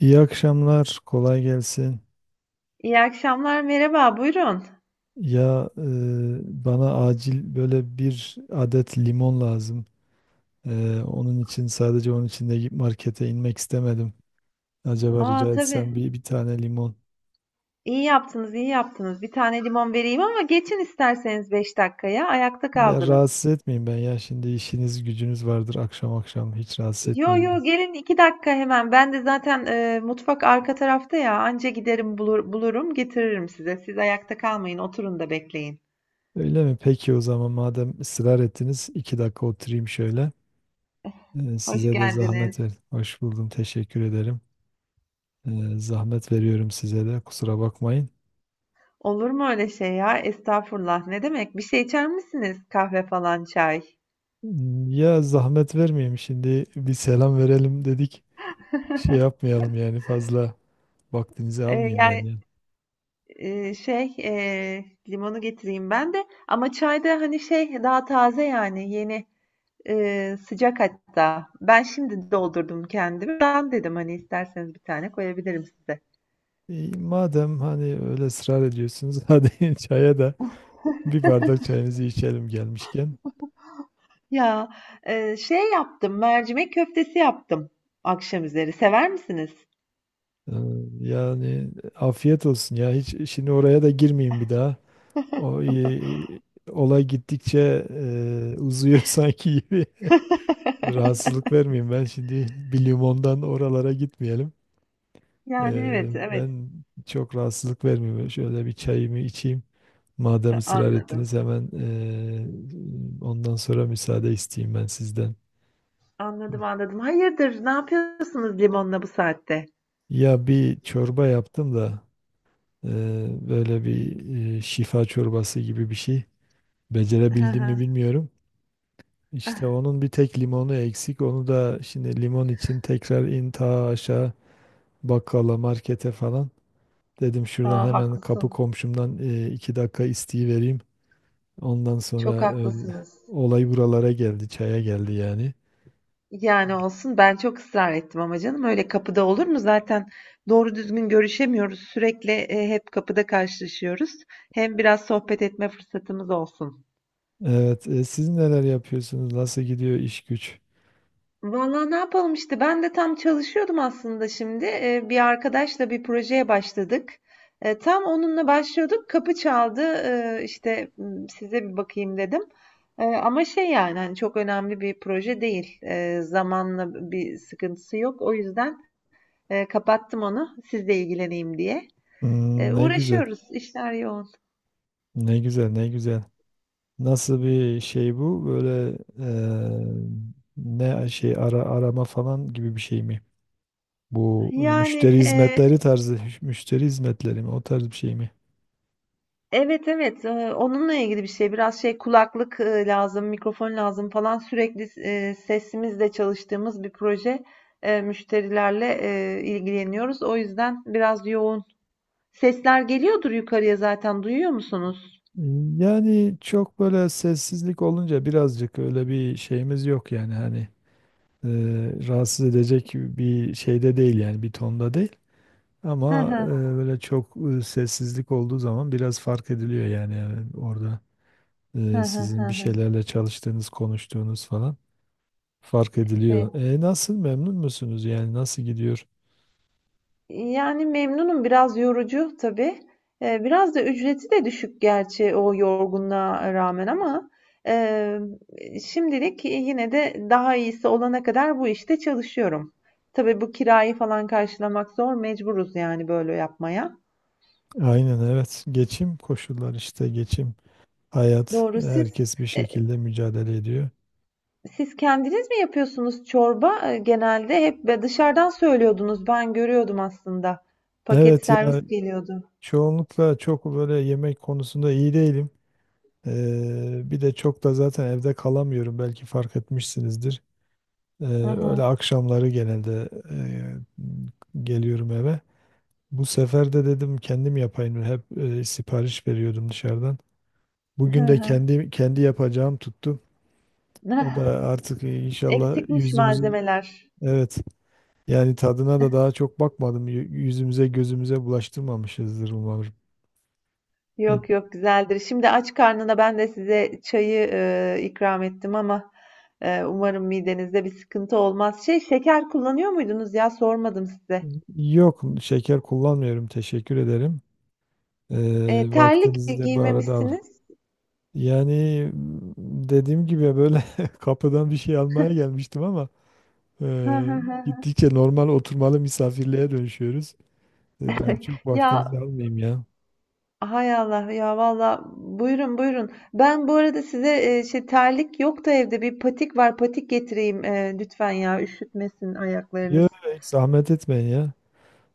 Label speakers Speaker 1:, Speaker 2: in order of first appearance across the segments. Speaker 1: İyi akşamlar, kolay gelsin.
Speaker 2: İyi akşamlar, merhaba, buyurun.
Speaker 1: Ya e, Bana acil böyle bir adet limon lazım. Onun için sadece onun için de gidip markete inmek istemedim. Acaba
Speaker 2: Aa,
Speaker 1: rica
Speaker 2: tabii.
Speaker 1: etsem bir tane limon.
Speaker 2: İyi yaptınız, iyi yaptınız. Bir tane limon vereyim ama geçin isterseniz 5 dakikaya. Ayakta
Speaker 1: Ya
Speaker 2: kaldınız.
Speaker 1: rahatsız etmeyeyim ben ya, şimdi işiniz gücünüz vardır, akşam akşam hiç rahatsız
Speaker 2: Yo
Speaker 1: etmeyeyim ben.
Speaker 2: yo, gelin, 2 dakika hemen. Ben de zaten mutfak arka tarafta ya. Anca giderim bulur, bulurum getiririm size. Siz ayakta kalmayın, oturun da bekleyin.
Speaker 1: Öyle mi? Peki o zaman, madem ısrar ettiniz, iki dakika oturayım şöyle.
Speaker 2: Hoş
Speaker 1: Size de
Speaker 2: geldiniz.
Speaker 1: zahmet ver. Hoş buldum, teşekkür ederim. Zahmet veriyorum size, de kusura bakmayın.
Speaker 2: Olur mu öyle şey ya? Estağfurullah. Ne demek? Bir şey içer misiniz? Kahve falan, çay.
Speaker 1: Ya zahmet vermeyeyim, şimdi bir selam verelim dedik. Şey yapmayalım yani, fazla vaktinizi
Speaker 2: E,
Speaker 1: almayayım ben
Speaker 2: yani
Speaker 1: ya.
Speaker 2: Limonu getireyim ben de. Ama çayda hani şey daha taze yani yeni sıcak hatta. Ben şimdi doldurdum kendimi. Ben dedim hani isterseniz bir tane koyabilirim size.
Speaker 1: İyi, madem hani öyle ısrar ediyorsunuz hadi çaya da bir bardak çayınızı içelim gelmişken.
Speaker 2: Ya Şey yaptım, mercimek köftesi yaptım akşam üzeri. Sever misiniz?
Speaker 1: Ee, Yani afiyet olsun ya, hiç şimdi oraya da girmeyeyim bir daha. O e, Olay gittikçe uzuyor sanki gibi. Rahatsızlık vermeyeyim ben, şimdi bir limondan oralara gitmeyelim.
Speaker 2: Yani
Speaker 1: Ee,
Speaker 2: evet, evet,
Speaker 1: Ben çok rahatsızlık vermiyor. Şöyle bir çayımı içeyim. Madem ısrar
Speaker 2: anladım.
Speaker 1: ettiniz, hemen ondan sonra müsaade isteyeyim ben sizden.
Speaker 2: Anladım, anladım. Hayırdır, ne yapıyorsunuz limonla bu saatte?
Speaker 1: Ya bir çorba yaptım da böyle bir şifa çorbası gibi bir şey. Becerebildim mi bilmiyorum. İşte onun bir tek limonu eksik. Onu da şimdi limon için tekrar in ta aşağı bakkala markete falan. Dedim şuradan
Speaker 2: Ha,
Speaker 1: hemen kapı
Speaker 2: haklısın.
Speaker 1: komşumdan iki dakika isteği vereyim. Ondan
Speaker 2: Çok
Speaker 1: sonra öyle,
Speaker 2: haklısınız.
Speaker 1: olay buralara geldi, çaya geldi yani.
Speaker 2: Yani olsun, ben çok ısrar ettim ama canım öyle kapıda olur mu? Zaten doğru düzgün görüşemiyoruz. Sürekli hep kapıda karşılaşıyoruz. Hem biraz sohbet etme fırsatımız olsun.
Speaker 1: Evet, siz neler yapıyorsunuz? Nasıl gidiyor iş güç?
Speaker 2: Vallahi ne yapalım işte, ben de tam çalışıyordum aslında şimdi. E, bir arkadaşla bir projeye başladık. E, tam onunla başlıyorduk. Kapı çaldı. Size bir bakayım dedim. E, ama şey, yani hani çok önemli bir proje değil. E, zamanla bir sıkıntısı yok. O yüzden kapattım onu sizle ilgileneyim diye.
Speaker 1: Hmm, ne güzel,
Speaker 2: Uğraşıyoruz. İşler yoğun.
Speaker 1: ne güzel, ne güzel. Nasıl bir şey bu? Böyle ne şey, ara arama falan gibi bir şey mi? Bu
Speaker 2: Yani
Speaker 1: müşteri
Speaker 2: eee,
Speaker 1: hizmetleri tarzı, müşteri hizmetleri mi? O tarz bir şey mi?
Speaker 2: evet evet onunla ilgili bir şey. Biraz şey, kulaklık lazım, mikrofon lazım falan. Sürekli sesimizle çalıştığımız bir proje. Müşterilerle ilgileniyoruz. O yüzden biraz yoğun. Sesler geliyordur yukarıya zaten. Duyuyor musunuz?
Speaker 1: Yani çok böyle sessizlik olunca birazcık öyle bir şeyimiz yok yani, hani e, rahatsız edecek bir şeyde değil yani, bir tonda değil.
Speaker 2: Hı
Speaker 1: Ama
Speaker 2: hı.
Speaker 1: böyle çok sessizlik olduğu zaman biraz fark ediliyor yani, orada
Speaker 2: Hı hı,
Speaker 1: sizin
Speaker 2: hı
Speaker 1: bir
Speaker 2: hı.
Speaker 1: şeylerle çalıştığınız, konuştuğunuz falan fark
Speaker 2: Evet.
Speaker 1: ediliyor. Nasıl, memnun musunuz yani, nasıl gidiyor?
Speaker 2: Yani memnunum. Biraz yorucu tabii. Biraz da ücreti de düşük gerçi o yorgunluğa rağmen ama, eee, şimdilik yine de daha iyisi olana kadar bu işte çalışıyorum. Tabii bu kirayı falan karşılamak zor. Mecburuz yani böyle yapmaya.
Speaker 1: Aynen, evet, geçim, koşullar işte, geçim, hayat,
Speaker 2: Doğru.
Speaker 1: herkes bir
Speaker 2: Eee,
Speaker 1: şekilde mücadele ediyor.
Speaker 2: Siz kendiniz mi yapıyorsunuz çorba? Genelde hep be dışarıdan söylüyordunuz. Ben görüyordum aslında. Paket
Speaker 1: Evet ya,
Speaker 2: servis geliyordu.
Speaker 1: çoğunlukla çok böyle yemek konusunda iyi değilim. Bir de çok da zaten evde kalamıyorum. Belki fark etmişsinizdir. Ee,
Speaker 2: Hı
Speaker 1: Öyle
Speaker 2: hı.
Speaker 1: akşamları genelde geliyorum eve. Bu sefer de dedim kendim yapayım. Hep sipariş veriyordum dışarıdan.
Speaker 2: Hı
Speaker 1: Bugün de
Speaker 2: hı.
Speaker 1: kendi yapacağım tuttu. O da artık inşallah
Speaker 2: Eksikmiş
Speaker 1: yüzümüzün,
Speaker 2: malzemeler.
Speaker 1: evet yani tadına da daha çok bakmadım. Yüzümüze gözümüze bulaştırmamışızdır umarım.
Speaker 2: Yok yok, güzeldir. Şimdi aç karnına ben de size çayı ikram ettim ama umarım midenizde bir sıkıntı olmaz. Şey, şeker kullanıyor muydunuz, ya sormadım size.
Speaker 1: Yok, şeker kullanmıyorum. Teşekkür ederim.
Speaker 2: Terlik
Speaker 1: Vaktinizi de bu arada al.
Speaker 2: giymemişsiniz.
Speaker 1: Yani m, dediğim gibi, böyle kapıdan bir şey almaya gelmiştim ama gittikçe normal oturmalı misafirliğe dönüşüyoruz. Ben çok
Speaker 2: Ya
Speaker 1: vaktinizi almayayım ya.
Speaker 2: hay Allah ya, valla buyurun, buyurun. Ben bu arada size şey, terlik yok da evde bir patik var, patik getireyim, lütfen, ya üşütmesin
Speaker 1: Yok,
Speaker 2: ayaklarınız.
Speaker 1: hiç zahmet etmeyin ya.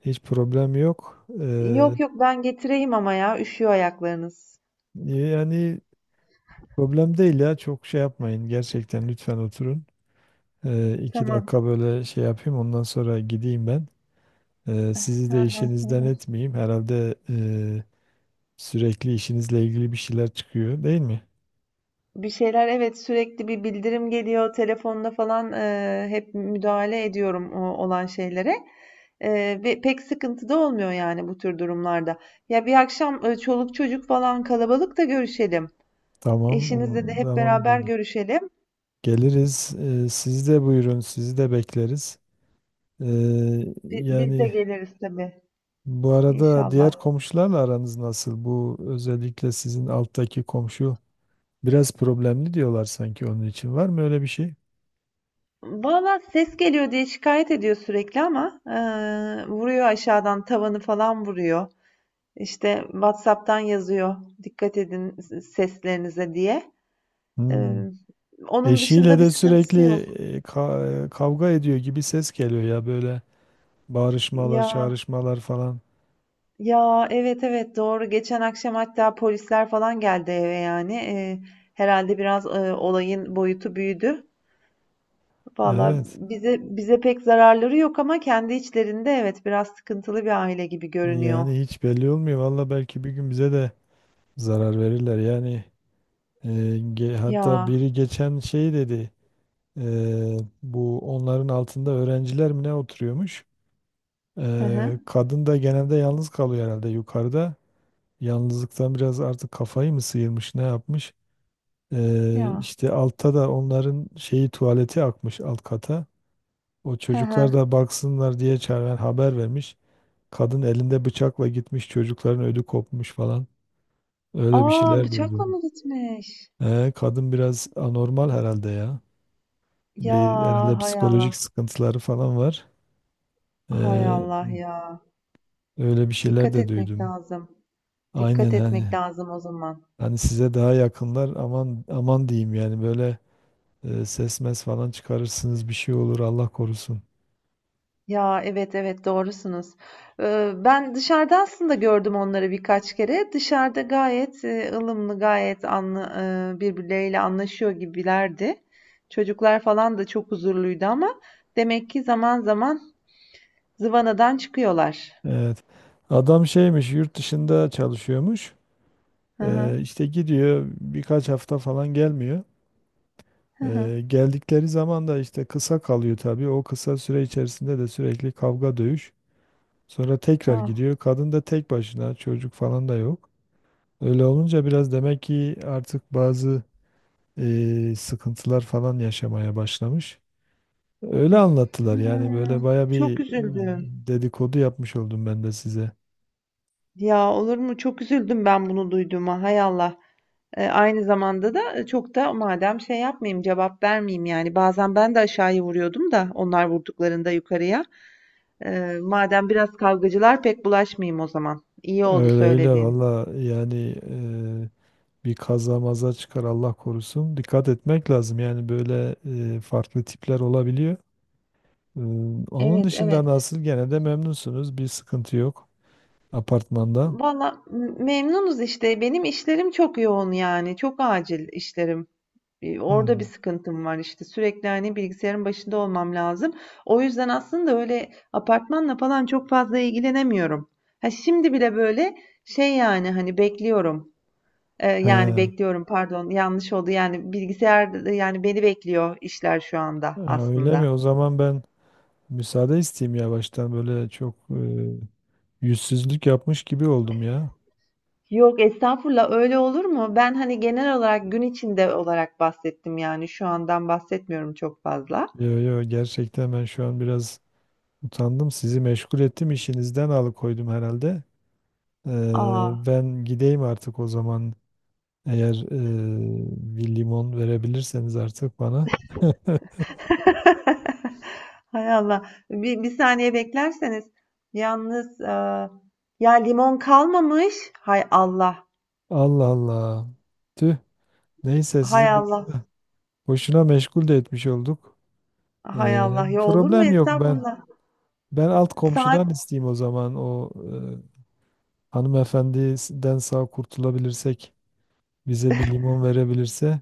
Speaker 1: Hiç problem yok.
Speaker 2: Yok yok, ben getireyim ama ya üşüyor ayaklarınız.
Speaker 1: Yani problem değil ya. Çok şey yapmayın. Gerçekten lütfen oturun. İki
Speaker 2: Tamam.
Speaker 1: dakika böyle şey yapayım. Ondan sonra gideyim ben. Sizi
Speaker 2: Hı
Speaker 1: de
Speaker 2: hı, hı
Speaker 1: işinizden
Speaker 2: hı.
Speaker 1: etmeyeyim. Herhalde sürekli işinizle ilgili bir şeyler çıkıyor, değil mi?
Speaker 2: Bir şeyler evet, sürekli bir bildirim geliyor telefonda falan, hep müdahale ediyorum olan şeylere. Ve pek sıkıntı da olmuyor yani bu tür durumlarda. Ya bir akşam çoluk çocuk falan kalabalık da görüşelim.
Speaker 1: Tamam,
Speaker 2: Eşinizle de hep
Speaker 1: tamam
Speaker 2: beraber
Speaker 1: gelir.
Speaker 2: görüşelim.
Speaker 1: Geliriz. Siz de buyurun, sizi de bekleriz.
Speaker 2: Biz de
Speaker 1: Yani
Speaker 2: geliriz tabii,
Speaker 1: bu arada diğer
Speaker 2: inşallah.
Speaker 1: komşularla aranız nasıl? Bu özellikle sizin alttaki komşu biraz problemli diyorlar sanki, onun için. Var mı öyle bir şey?
Speaker 2: Valla ses geliyor diye şikayet ediyor sürekli ama vuruyor aşağıdan, tavanı falan vuruyor. İşte WhatsApp'tan yazıyor, dikkat edin seslerinize diye. Ee,
Speaker 1: Hmm.
Speaker 2: Onun
Speaker 1: Eşiyle
Speaker 2: dışında bir
Speaker 1: de
Speaker 2: sıkıntısı
Speaker 1: sürekli
Speaker 2: yok.
Speaker 1: kavga ediyor gibi ses geliyor ya, böyle bağırışmalar,
Speaker 2: Ya
Speaker 1: çağrışmalar falan.
Speaker 2: ya, evet evet, doğru. Geçen akşam hatta polisler falan geldi eve yani. Herhalde biraz olayın boyutu büyüdü. Valla
Speaker 1: Evet.
Speaker 2: bize pek zararları yok ama kendi içlerinde evet, biraz sıkıntılı bir aile gibi görünüyor.
Speaker 1: Yani hiç belli olmuyor. Valla belki bir gün bize de zarar verirler. Yani, e, hatta
Speaker 2: Ya
Speaker 1: biri geçen şey dedi. Bu, onların altında öğrenciler mi ne oturuyormuş?
Speaker 2: hı hı,
Speaker 1: E, kadın da genelde yalnız kalıyor herhalde yukarıda. Yalnızlıktan biraz artık kafayı mı sıyırmış, ne yapmış?
Speaker 2: ya
Speaker 1: İşte altta da onların şeyi, tuvaleti akmış alt kata. O
Speaker 2: hı
Speaker 1: çocuklar
Speaker 2: hı.
Speaker 1: da baksınlar diye çağıran haber vermiş. Kadın elinde bıçakla gitmiş, çocukların ödü kopmuş falan. Öyle bir
Speaker 2: Aa,
Speaker 1: şeyler
Speaker 2: bıçakla
Speaker 1: duydum.
Speaker 2: mı gitmiş?
Speaker 1: Kadın biraz anormal herhalde ya.
Speaker 2: Ya
Speaker 1: Bir, herhalde
Speaker 2: hay
Speaker 1: psikolojik
Speaker 2: Allah.
Speaker 1: sıkıntıları falan var.
Speaker 2: Hay
Speaker 1: Ee,
Speaker 2: Allah ya.
Speaker 1: Öyle bir şeyler
Speaker 2: Dikkat
Speaker 1: de
Speaker 2: etmek
Speaker 1: duydum.
Speaker 2: lazım.
Speaker 1: Aynen,
Speaker 2: Dikkat etmek
Speaker 1: hani
Speaker 2: lazım o zaman.
Speaker 1: hani size daha yakınlar, aman aman diyeyim yani, böyle ses mes falan çıkarırsınız, bir şey olur Allah korusun.
Speaker 2: Ya evet evet, doğrusunuz. Ben dışarıda aslında gördüm onları birkaç kere. Dışarıda gayet ılımlı, gayet birbirleriyle anlaşıyor gibilerdi. Çocuklar falan da çok huzurluydu ama demek ki zaman zaman zıvanadan çıkıyorlar.
Speaker 1: Evet. Adam şeymiş, yurt dışında çalışıyormuş.
Speaker 2: Hı hı,
Speaker 1: İşte gidiyor, birkaç hafta falan gelmiyor.
Speaker 2: hı hı.
Speaker 1: Geldikleri zaman da işte kısa kalıyor tabii. O kısa süre içerisinde de sürekli kavga dövüş. Sonra tekrar
Speaker 2: Ah,
Speaker 1: gidiyor. Kadın da tek başına, çocuk falan da yok. Öyle olunca biraz demek ki artık bazı sıkıntılar falan yaşamaya başlamış. Öyle anlattılar,
Speaker 2: hı.
Speaker 1: yani böyle baya bir
Speaker 2: Çok üzüldüm.
Speaker 1: dedikodu yapmış oldum ben de size.
Speaker 2: Ya olur mu? Çok üzüldüm ben bunu duyduğuma. Hay Allah. Aynı zamanda da çok da madem şey yapmayayım, cevap vermeyeyim yani. Bazen ben de aşağıya vuruyordum da onlar vurduklarında yukarıya. Madem biraz kavgacılar, pek bulaşmayayım o zaman. İyi oldu
Speaker 1: Öyle öyle
Speaker 2: söylediğin.
Speaker 1: valla, yani e, bir kaza maza çıkar Allah korusun. Dikkat etmek lazım yani, böyle farklı tipler olabiliyor. Ee, Onun
Speaker 2: Evet,
Speaker 1: dışında
Speaker 2: evet.
Speaker 1: nasıl? Gene de memnunsunuz. Bir sıkıntı yok apartmanda.
Speaker 2: Valla memnunuz işte. Benim işlerim çok yoğun yani. Çok acil işlerim. Orada bir
Speaker 1: Hmm.
Speaker 2: sıkıntım var işte. Sürekli hani bilgisayarın başında olmam lazım. O yüzden aslında öyle apartmanla falan çok fazla ilgilenemiyorum. Ha şimdi bile böyle şey, yani hani bekliyorum. Yani
Speaker 1: He.
Speaker 2: bekliyorum, pardon, yanlış oldu, yani bilgisayar yani beni bekliyor işler şu anda
Speaker 1: Ha, öyle mi?
Speaker 2: aslında.
Speaker 1: O zaman ben müsaade isteyeyim yavaştan. Böyle çok yüzsüzlük yapmış gibi oldum ya.
Speaker 2: Yok estağfurullah, öyle olur mu? Ben hani genel olarak gün içinde olarak bahsettim, yani şu andan bahsetmiyorum çok fazla.
Speaker 1: Yo yo, gerçekten ben şu an biraz utandım. Sizi meşgul ettim. İşinizden alıkoydum herhalde.
Speaker 2: Aa.
Speaker 1: Ben gideyim artık o zaman. Eğer bir limon verebilirseniz artık bana.
Speaker 2: Hay Allah. Bir saniye beklerseniz. Yalnız ya limon kalmamış. Hay Allah.
Speaker 1: Allah Allah. Tüh. Neyse
Speaker 2: Hay
Speaker 1: sizi boş
Speaker 2: Allah.
Speaker 1: Boşuna meşgul de etmiş olduk. Ee,
Speaker 2: Hay Allah. Ya olur mu?
Speaker 1: Problem yok ben.
Speaker 2: Estağfurullah.
Speaker 1: Ben alt komşudan
Speaker 2: Saat
Speaker 1: isteyeyim o zaman. O hanımefendiden sağ kurtulabilirsek, bize bir limon verebilirse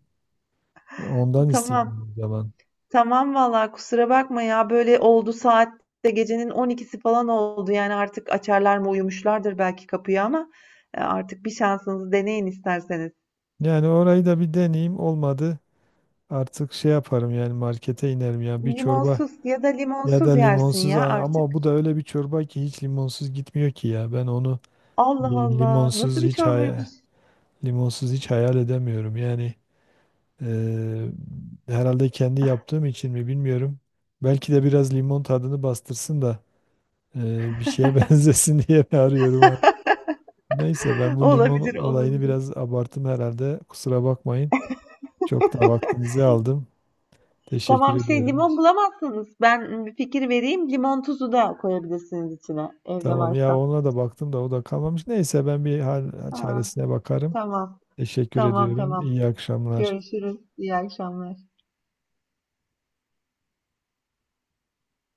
Speaker 1: ondan
Speaker 2: tamam.
Speaker 1: isteyeyim o zaman.
Speaker 2: Tamam valla, kusura bakma ya, böyle oldu, saat de gecenin 12'si falan oldu yani, artık açarlar mı, uyumuşlardır belki kapıyı ama artık bir şansınızı deneyin isterseniz.
Speaker 1: Yani orayı da bir deneyeyim. Olmadı. Artık şey yaparım yani, markete inerim ya bir çorba
Speaker 2: Limonsuz, ya da
Speaker 1: ya da
Speaker 2: limonsuz yersin
Speaker 1: limonsuz,
Speaker 2: ya
Speaker 1: ama
Speaker 2: artık.
Speaker 1: bu da öyle bir çorba ki hiç limonsuz gitmiyor ki ya. Ben onu
Speaker 2: Allah Allah, nasıl
Speaker 1: limonsuz
Speaker 2: bir
Speaker 1: hiç
Speaker 2: çorbaymış?
Speaker 1: limonsuz hiç hayal edemiyorum. Yani Eee, herhalde kendi yaptığım için mi, bilmiyorum. Belki de biraz limon tadını bastırsın da bir şeye benzesin diye mi arıyorum artık. Neyse, ben bu limon
Speaker 2: Olabilir,
Speaker 1: olayını
Speaker 2: olabilir.
Speaker 1: biraz abarttım herhalde. Kusura bakmayın. Çok da vaktinizi aldım. Teşekkür
Speaker 2: Tamam, şey,
Speaker 1: ediyorum.
Speaker 2: limon bulamazsanız ben bir fikir vereyim, limon tuzu da koyabilirsiniz içine evde
Speaker 1: Tamam ya,
Speaker 2: varsa.
Speaker 1: ona da baktım da o da kalmamış. Neyse, ben bir hal
Speaker 2: Ha,
Speaker 1: çaresine bakarım.
Speaker 2: tamam,
Speaker 1: Teşekkür
Speaker 2: tamam,
Speaker 1: ediyorum.
Speaker 2: tamam,
Speaker 1: İyi akşamlar.
Speaker 2: görüşürüz, iyi akşamlar.